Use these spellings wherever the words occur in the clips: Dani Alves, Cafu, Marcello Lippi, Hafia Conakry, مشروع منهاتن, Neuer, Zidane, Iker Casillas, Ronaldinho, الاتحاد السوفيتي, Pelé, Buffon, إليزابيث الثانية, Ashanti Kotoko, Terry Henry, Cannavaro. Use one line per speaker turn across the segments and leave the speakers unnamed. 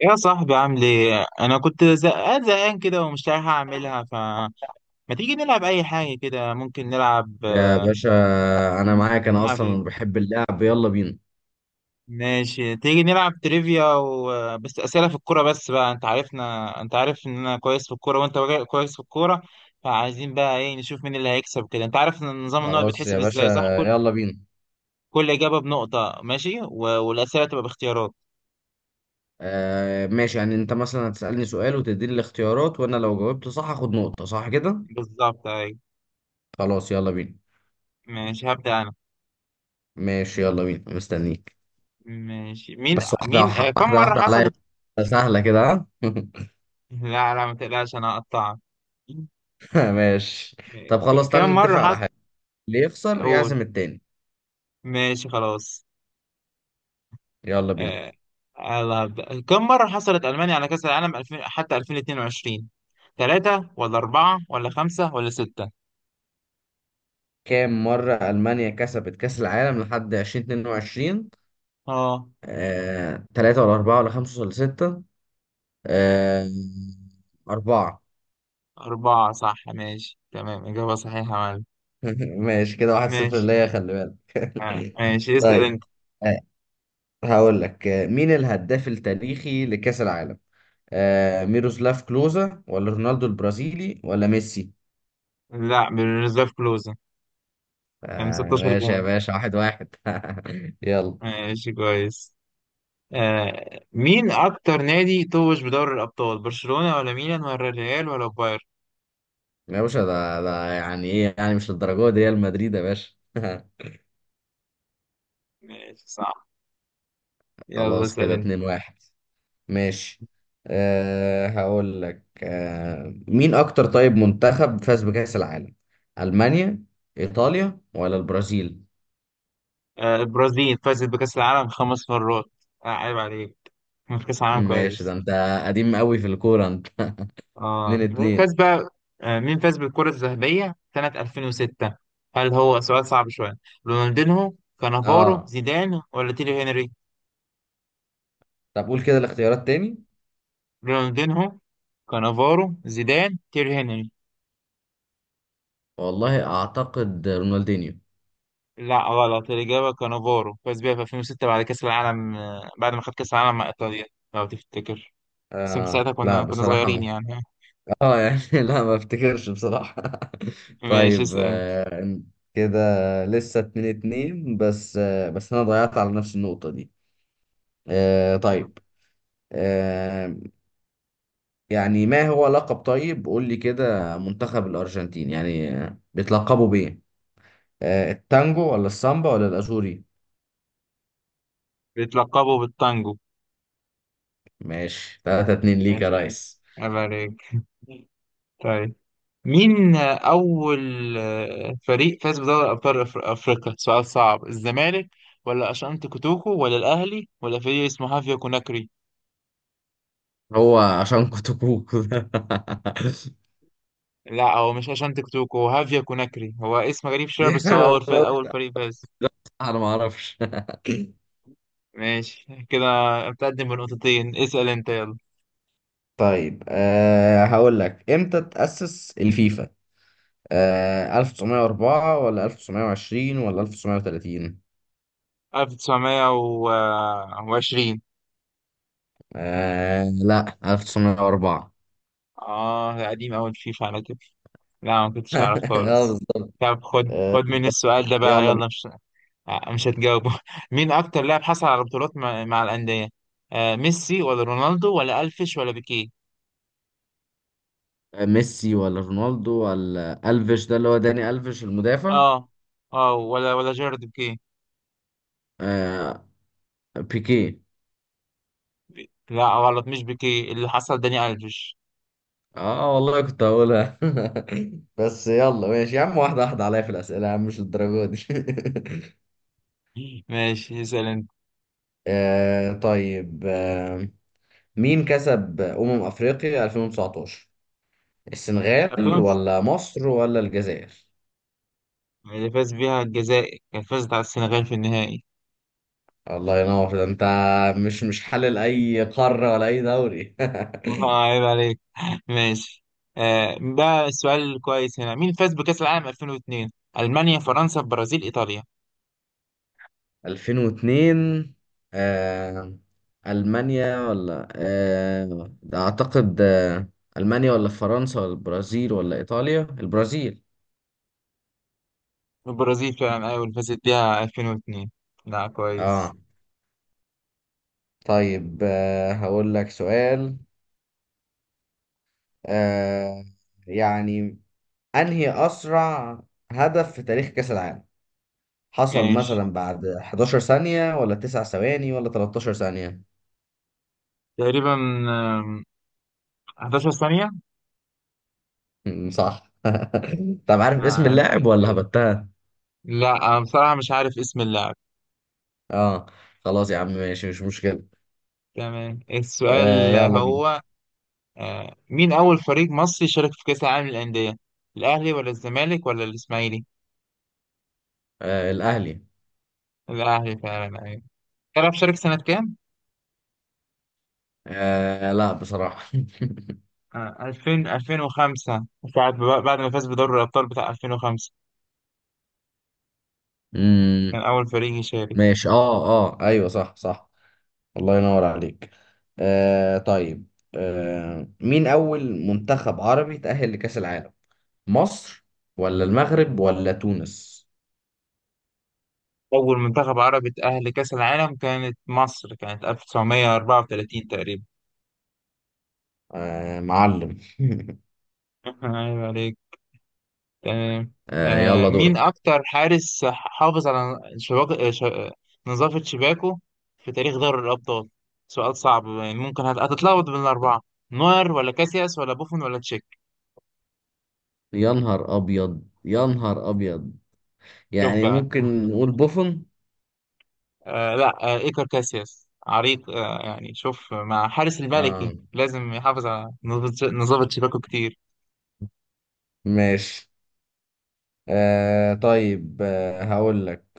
يا صاحبي، عامل ايه؟ انا كنت زهقان زهقان كده ومش عارف اعملها. فما تيجي نلعب اي حاجه كده، ممكن نلعب.
يا باشا، انا معاك. انا
نلعب ايه؟
اصلا بحب اللعب، يلا بينا.
ماشي، تيجي نلعب تريفيا و... آه، بس اسئله في الكوره بس بقى. انت عارفنا، انت عارف ان انا كويس في الكوره وانت راجل كويس في الكوره، فعايزين بقى ايه؟ نشوف مين اللي هيكسب كده. انت عارف ان نظام النقط
خلاص
بيتحسب
يا باشا،
ازاي؟ صح، كل
يلا بينا.
كل اجابه بنقطه. ماشي والاسئله تبقى باختيارات.
ماشي، يعني انت مثلا هتسألني سؤال وتديني الاختيارات وانا لو جاوبت صح هاخد نقطة، صح كده؟
بالظبط، ايوه.
خلاص يلا بينا.
ماشي، هبدا انا.
ماشي يلا بينا مستنيك.
ماشي. مين
بس واحدة.
مين آه، كم
واحدة
مره
واحدة عليا.
حصلت؟
سهلة كده، ها.
لا لا، ما تقلقش، انا هقطعك.
ماشي. طب خلاص،
كم
تعالى
مرة
نتفق على
حصل؟
حاجة، اللي يخسر
اقول.
يعزم التاني.
ماشي خلاص.
يلا بينا.
آه، يلا هبدأ. كم مرة حصلت ألمانيا على كأس العالم 2000 حتى 2022؟ ثلاثة ولا أربعة ولا خمسة ولا ستة؟
كام مرة ألمانيا كسبت كأس العالم لحد 2022؟
اه،
تلاتة ولا أربعة ولا خمسة ولا ستة؟ آه، أربعة.
أربعة صح. ماشي تمام، إجابة صحيحة يا معلم.
ماشي كده، 1-0
ماشي.
ليا، خلي بالك.
ماشي اسأل
طيب،
أنت.
آه، هقول لك، مين الهداف التاريخي لكأس العالم؟ ميروسلاف كلوزا ولا رونالدو البرازيلي ولا ميسي؟
لا، بالريزيرف كلوز يعني. 16
ماشي يا
جون.
باشا، 1-1. يلا.
ماشي كويس. مين أكتر نادي توج بدوري الأبطال؟ برشلونة ولا ميلان ولا الريال ولا بايرن؟
يا باشا ده يعني ايه؟ يعني مش للدرجة دي، ريال مدريد يا باشا.
ماشي صح. يلا
خلاص
اسأل
كده
انت.
2-1. ماشي. هقول لك، مين اكتر طيب منتخب فاز بكأس العالم؟ ألمانيا، ايطاليا ولا البرازيل؟
البرازيل فازت بكأس العالم 5 مرات. عيب عليك، كان في كأس العالم
ماشي، ده
كويس.
انت قديم قوي في الكورة انت. اتنين
اه مين
اتنين
فاز بقى؟ مين فاز بالكرة الذهبية سنة 2006؟ هل هو سؤال صعب شوية؟ رونالدينهو، كانافارو،
اه،
زيدان ولا تيري هنري؟
طب قول كده الاختيارات تاني.
رونالدينهو، كانافارو، زيدان، تيري هنري.
والله اعتقد رونالدينيو.
لا غلط، الإجابة كانافارو، فاز بيها في 2006 بعد كأس العالم، بعد ما خد كأس العالم مع إيطاليا لو تفتكر. بس انت ساعتها
لا
كنا
بصراحة
صغيرين
ما.
يعني.
اه يعني، لا ما افتكرش بصراحة.
ماشي
طيب،
اسأل.
كده لسه 2-2، بس انا ضيعت على نفس النقطة دي. طيب آه، يعني ما هو لقب، طيب قول لي كده منتخب الأرجنتين، يعني بيتلقبوا بإيه؟ التانجو ولا السامبا ولا الأزوري؟
بيتلقبوا بالتانجو.
ماشي، 3-2 ليك يا
ماشي،
ريس.
عيب عليك. طيب، مين أول فريق فاز بدوري أبطال أفريقيا؟ سؤال صعب. الزمالك ولا أشانتي كوتوكو ولا الأهلي ولا فريق اسمه هافيا كوناكري؟
هو عشان كتكوت.
لا، هو مش أشانتي كوتوكو، هو هافيا كوناكري. هو اسم غريب شوية بس هو
انا
أول
أنا
فريق
قلت،
أول فريق فاز.
انا ما اعرفش.
ماشي كده، متقدم بنقطتين. اسأل أنت يلا.
طيب، هقول لك، امتى تأسس الفيفا؟ 1904 ولا 1920 ولا 1930؟
1920.
لا، 1904.
آه ده قديم أوي الفيفا على كده. لا ما كنتش أعرف
اه،
خالص.
بالظبط.
طب خد خد مني السؤال ده بقى
يلا.
يلا. مش هتجاوبه. مين أكتر لاعب حصل على بطولات مع الأندية؟ آه ميسي ولا رونالدو ولا ألفيش ولا بيكيه؟
ميسي ولا رونالدو ولا ألفيش، ده اللي هو داني ألفيش المدافع.
اه، اه ولا جيرارد بيكيه.
آه بيكي.
لا غلط، مش بيكيه اللي حصل، داني ألفيش.
اه والله كنت هقولها. بس يلا ماشي يا عم، واحدة واحدة عليا في الأسئلة يا عم، مش للدرجة دي.
ماشي اسأل أنت.
طيب مين كسب أمم أفريقيا 2019؟ السنغال
أفلام.
ولا مصر ولا الجزائر؟
اللي فاز بيها الجزائر، كان فازت على السنغال في النهائي.
الله ينور، ده انت مش حلل اي قارة ولا اي دوري.
عيب عليك. ماشي. آه ده سؤال كويس هنا. مين فاز بكأس العالم 2002؟ ألمانيا، فرنسا، البرازيل، إيطاليا؟
2002، آه ألمانيا ولا، ده أعتقد، ألمانيا ولا فرنسا ولا البرازيل ولا إيطاليا؟ البرازيل.
البرازيل فعلا، أيوة اللي فازت بيها 2002. لا كويس.
آه طيب، هقول لك سؤال، آه يعني، أنهي أسرع هدف في تاريخ كأس العالم حصل،
ماشي،
مثلا بعد 11 ثانية ولا 9 ثواني ولا 13 ثانية؟
تقريبا آم، 11 ثانية.
صح. طب، عارف اسم
عيب
اللاعب
عليك
ولا
يعني.
هبتها؟
لا، أنا بصراحة مش عارف اسم اللاعب.
اه، خلاص يا عم ماشي، مش مشكلة.
تمام، السؤال
يلا بينا.
هو: آه مين أول فريق مصري شارك في كأس العالم للأندية؟ الأهلي ولا الزمالك ولا الإسماعيلي؟
الأهلي.
الأهلي فعلا، أيوة. تعرف شارك سنة كام؟
لا بصراحة.
2000، 2005. بعد ما فاز بدوري الأبطال بتاع 2005، كان
مم،
أول فريق يشارك.
ماشي، اه، اه، ايوه، صح، صح. الله ينور عليك. طيب، مين أول منتخب عربي تأهل لكأس العالم؟ مصر ولا المغرب ولا تونس؟
أول منتخب عربي اتأهل لكأس العالم كانت مصر، كانت 1934 تقريبا.
معلم.
عيب عليك. تمام. آه
يلا
مين
دورك.
أكتر حارس حافظ على شباك... آه، ش... آه، نظافة شباكه في تاريخ دوري الأبطال؟ سؤال صعب، ممكن هتتلخبط بين الأربعة. نوير ولا كاسياس ولا بوفون ولا تشيك؟
يا نهار ابيض، يا نهار ابيض.
شوف
يعني
بقى.
ممكن نقول بوفون.
لا، إيكر كاسياس عريق يعني. شوف، مع حارس الملكي
آه
لازم يحافظ على نظام شباكه كتير.
ماشي. طيب، هقول لك،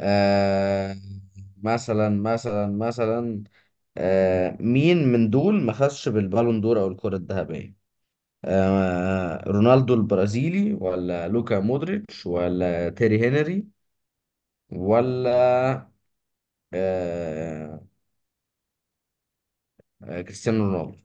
آه مثلا مين من دول ما خدش بالبالون دور او الكرة الذهبية؟ رونالدو البرازيلي ولا لوكا مودريتش ولا تيري هنري ولا، آه كريستيانو رونالدو؟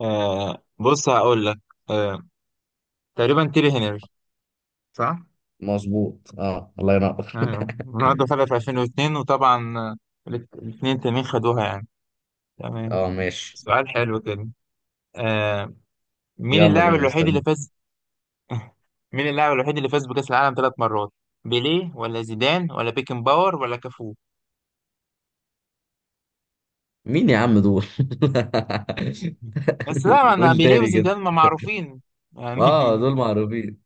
آه بص هقول لك. آه تقريبا تيري هنري، صح؟
مظبوط، اه الله ينور.
رونالدو خدها في 2002، وطبعا الاتنين تانيين خدوها يعني. تمام،
اه ماشي.
سؤال حلو كده. آه مين
يلا
اللاعب
بينا،
الوحيد
مستني.
اللي فاز مين اللاعب الوحيد اللي فاز بكأس العالم 3 مرات؟ بيليه ولا زيدان ولا بيكن باور ولا كافو؟
مين يا عم دول؟
بس لا، انا
قول
بيليه
تاني كده.
وزيدان ما معروفين يعني.
اه، دول معروفين.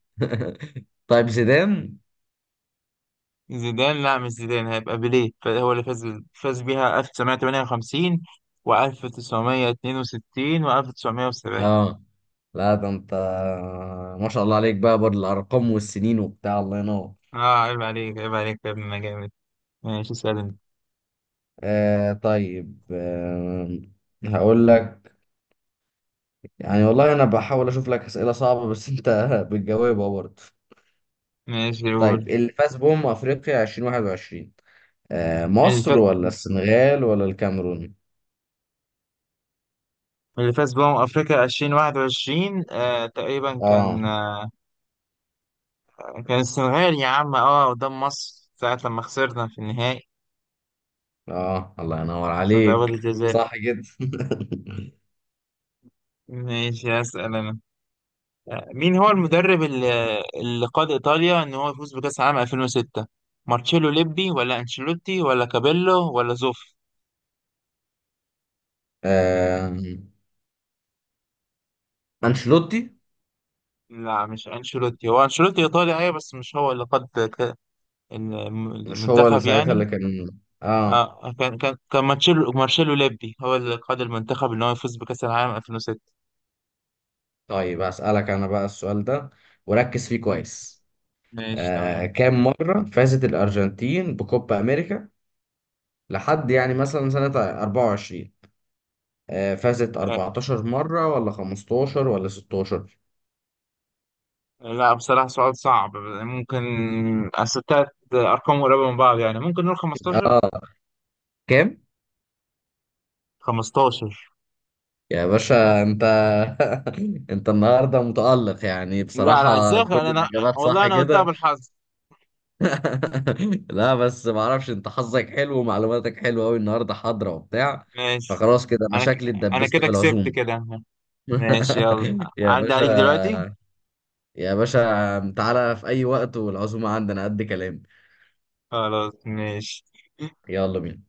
طيب، زيدان.
زيدان؟ لا مش زيدان، هيبقى بيليه هو اللي فاز. فاز بيها 1958 و1962 و1970.
اه لا، ده انت ما شاء الله عليك بقى، بالارقام والسنين وبتاع، الله ينور.
اه عيب عليك عيب عليك يا ابني، انا جامد. ماشي اسأل انت.
طيب، هقول لك، يعني والله انا بحاول اشوف لك اسئله صعبه بس انت بتجاوبها برضه.
ماشي قول.
طيب، اللي فاز بأمم افريقيا 2021؟
اللي
مصر
فاز
ولا السنغال ولا الكاميرون؟
اللي فاز بأمم أفريقيا 2021، تقريبا
اه،
كان كان السنغال يا عم، اه قدام مصر ساعة لما خسرنا في النهائي
اه، الله ينور
في ضربات
عليك.
الجزاء.
صح جدا.
ماشي أسأل أنا. مين هو المدرب اللي قاد إيطاليا إن هو يفوز بكأس العالم 2006؟ مارتشيلو ليبي ولا أنشيلوتي ولا كابيلو ولا زوف؟
آه انشيلوتي.
لا مش أنشيلوتي، هو أنشيلوتي إيطالي أيوة بس مش هو اللي قاد
مش هو اللي
المنتخب
ساعتها اللي
يعني.
كان؟ اه.
آه كان مارشيلو ليبي هو اللي قاد المنتخب إن هو يفوز بكأس العالم 2006.
طيب، أسألك أنا بقى السؤال ده، وركز فيه
مم،
كويس.
ماشي تمام.
كام مرة فازت الأرجنتين بكوبا أمريكا لحد، يعني مثلا سنة 24؟ فازت
آه،
14 مرة ولا 15 ولا 16؟
لا بصراحة سؤال صعب. ممكن، أصل تلات أرقام قريبة من بعض يعني، ممكن نقول 15
آه كام؟
15
يا باشا أنت. أنت النهاردة متألق، يعني
لا لا،
بصراحة
ازاي
كل
انا؟
الإجابات
والله
صح
انا قلتها
كده.
بالحظ.
لا بس معرفش، أنت حظك حلو ومعلوماتك حلوة أوي النهاردة، حاضرة وبتاع.
ماشي.
فخلاص كده أنا
انا ك...
شكلي
انا
اتدبست
كده
في
كسبت
العزومة.
كده. ماشي يلا.
يا
عدى عليك دلوقتي.
باشا. يا باشا، تعالى في أي وقت، والعزومة عندنا قد كلام.
خلاص ماشي.
يلا بينا.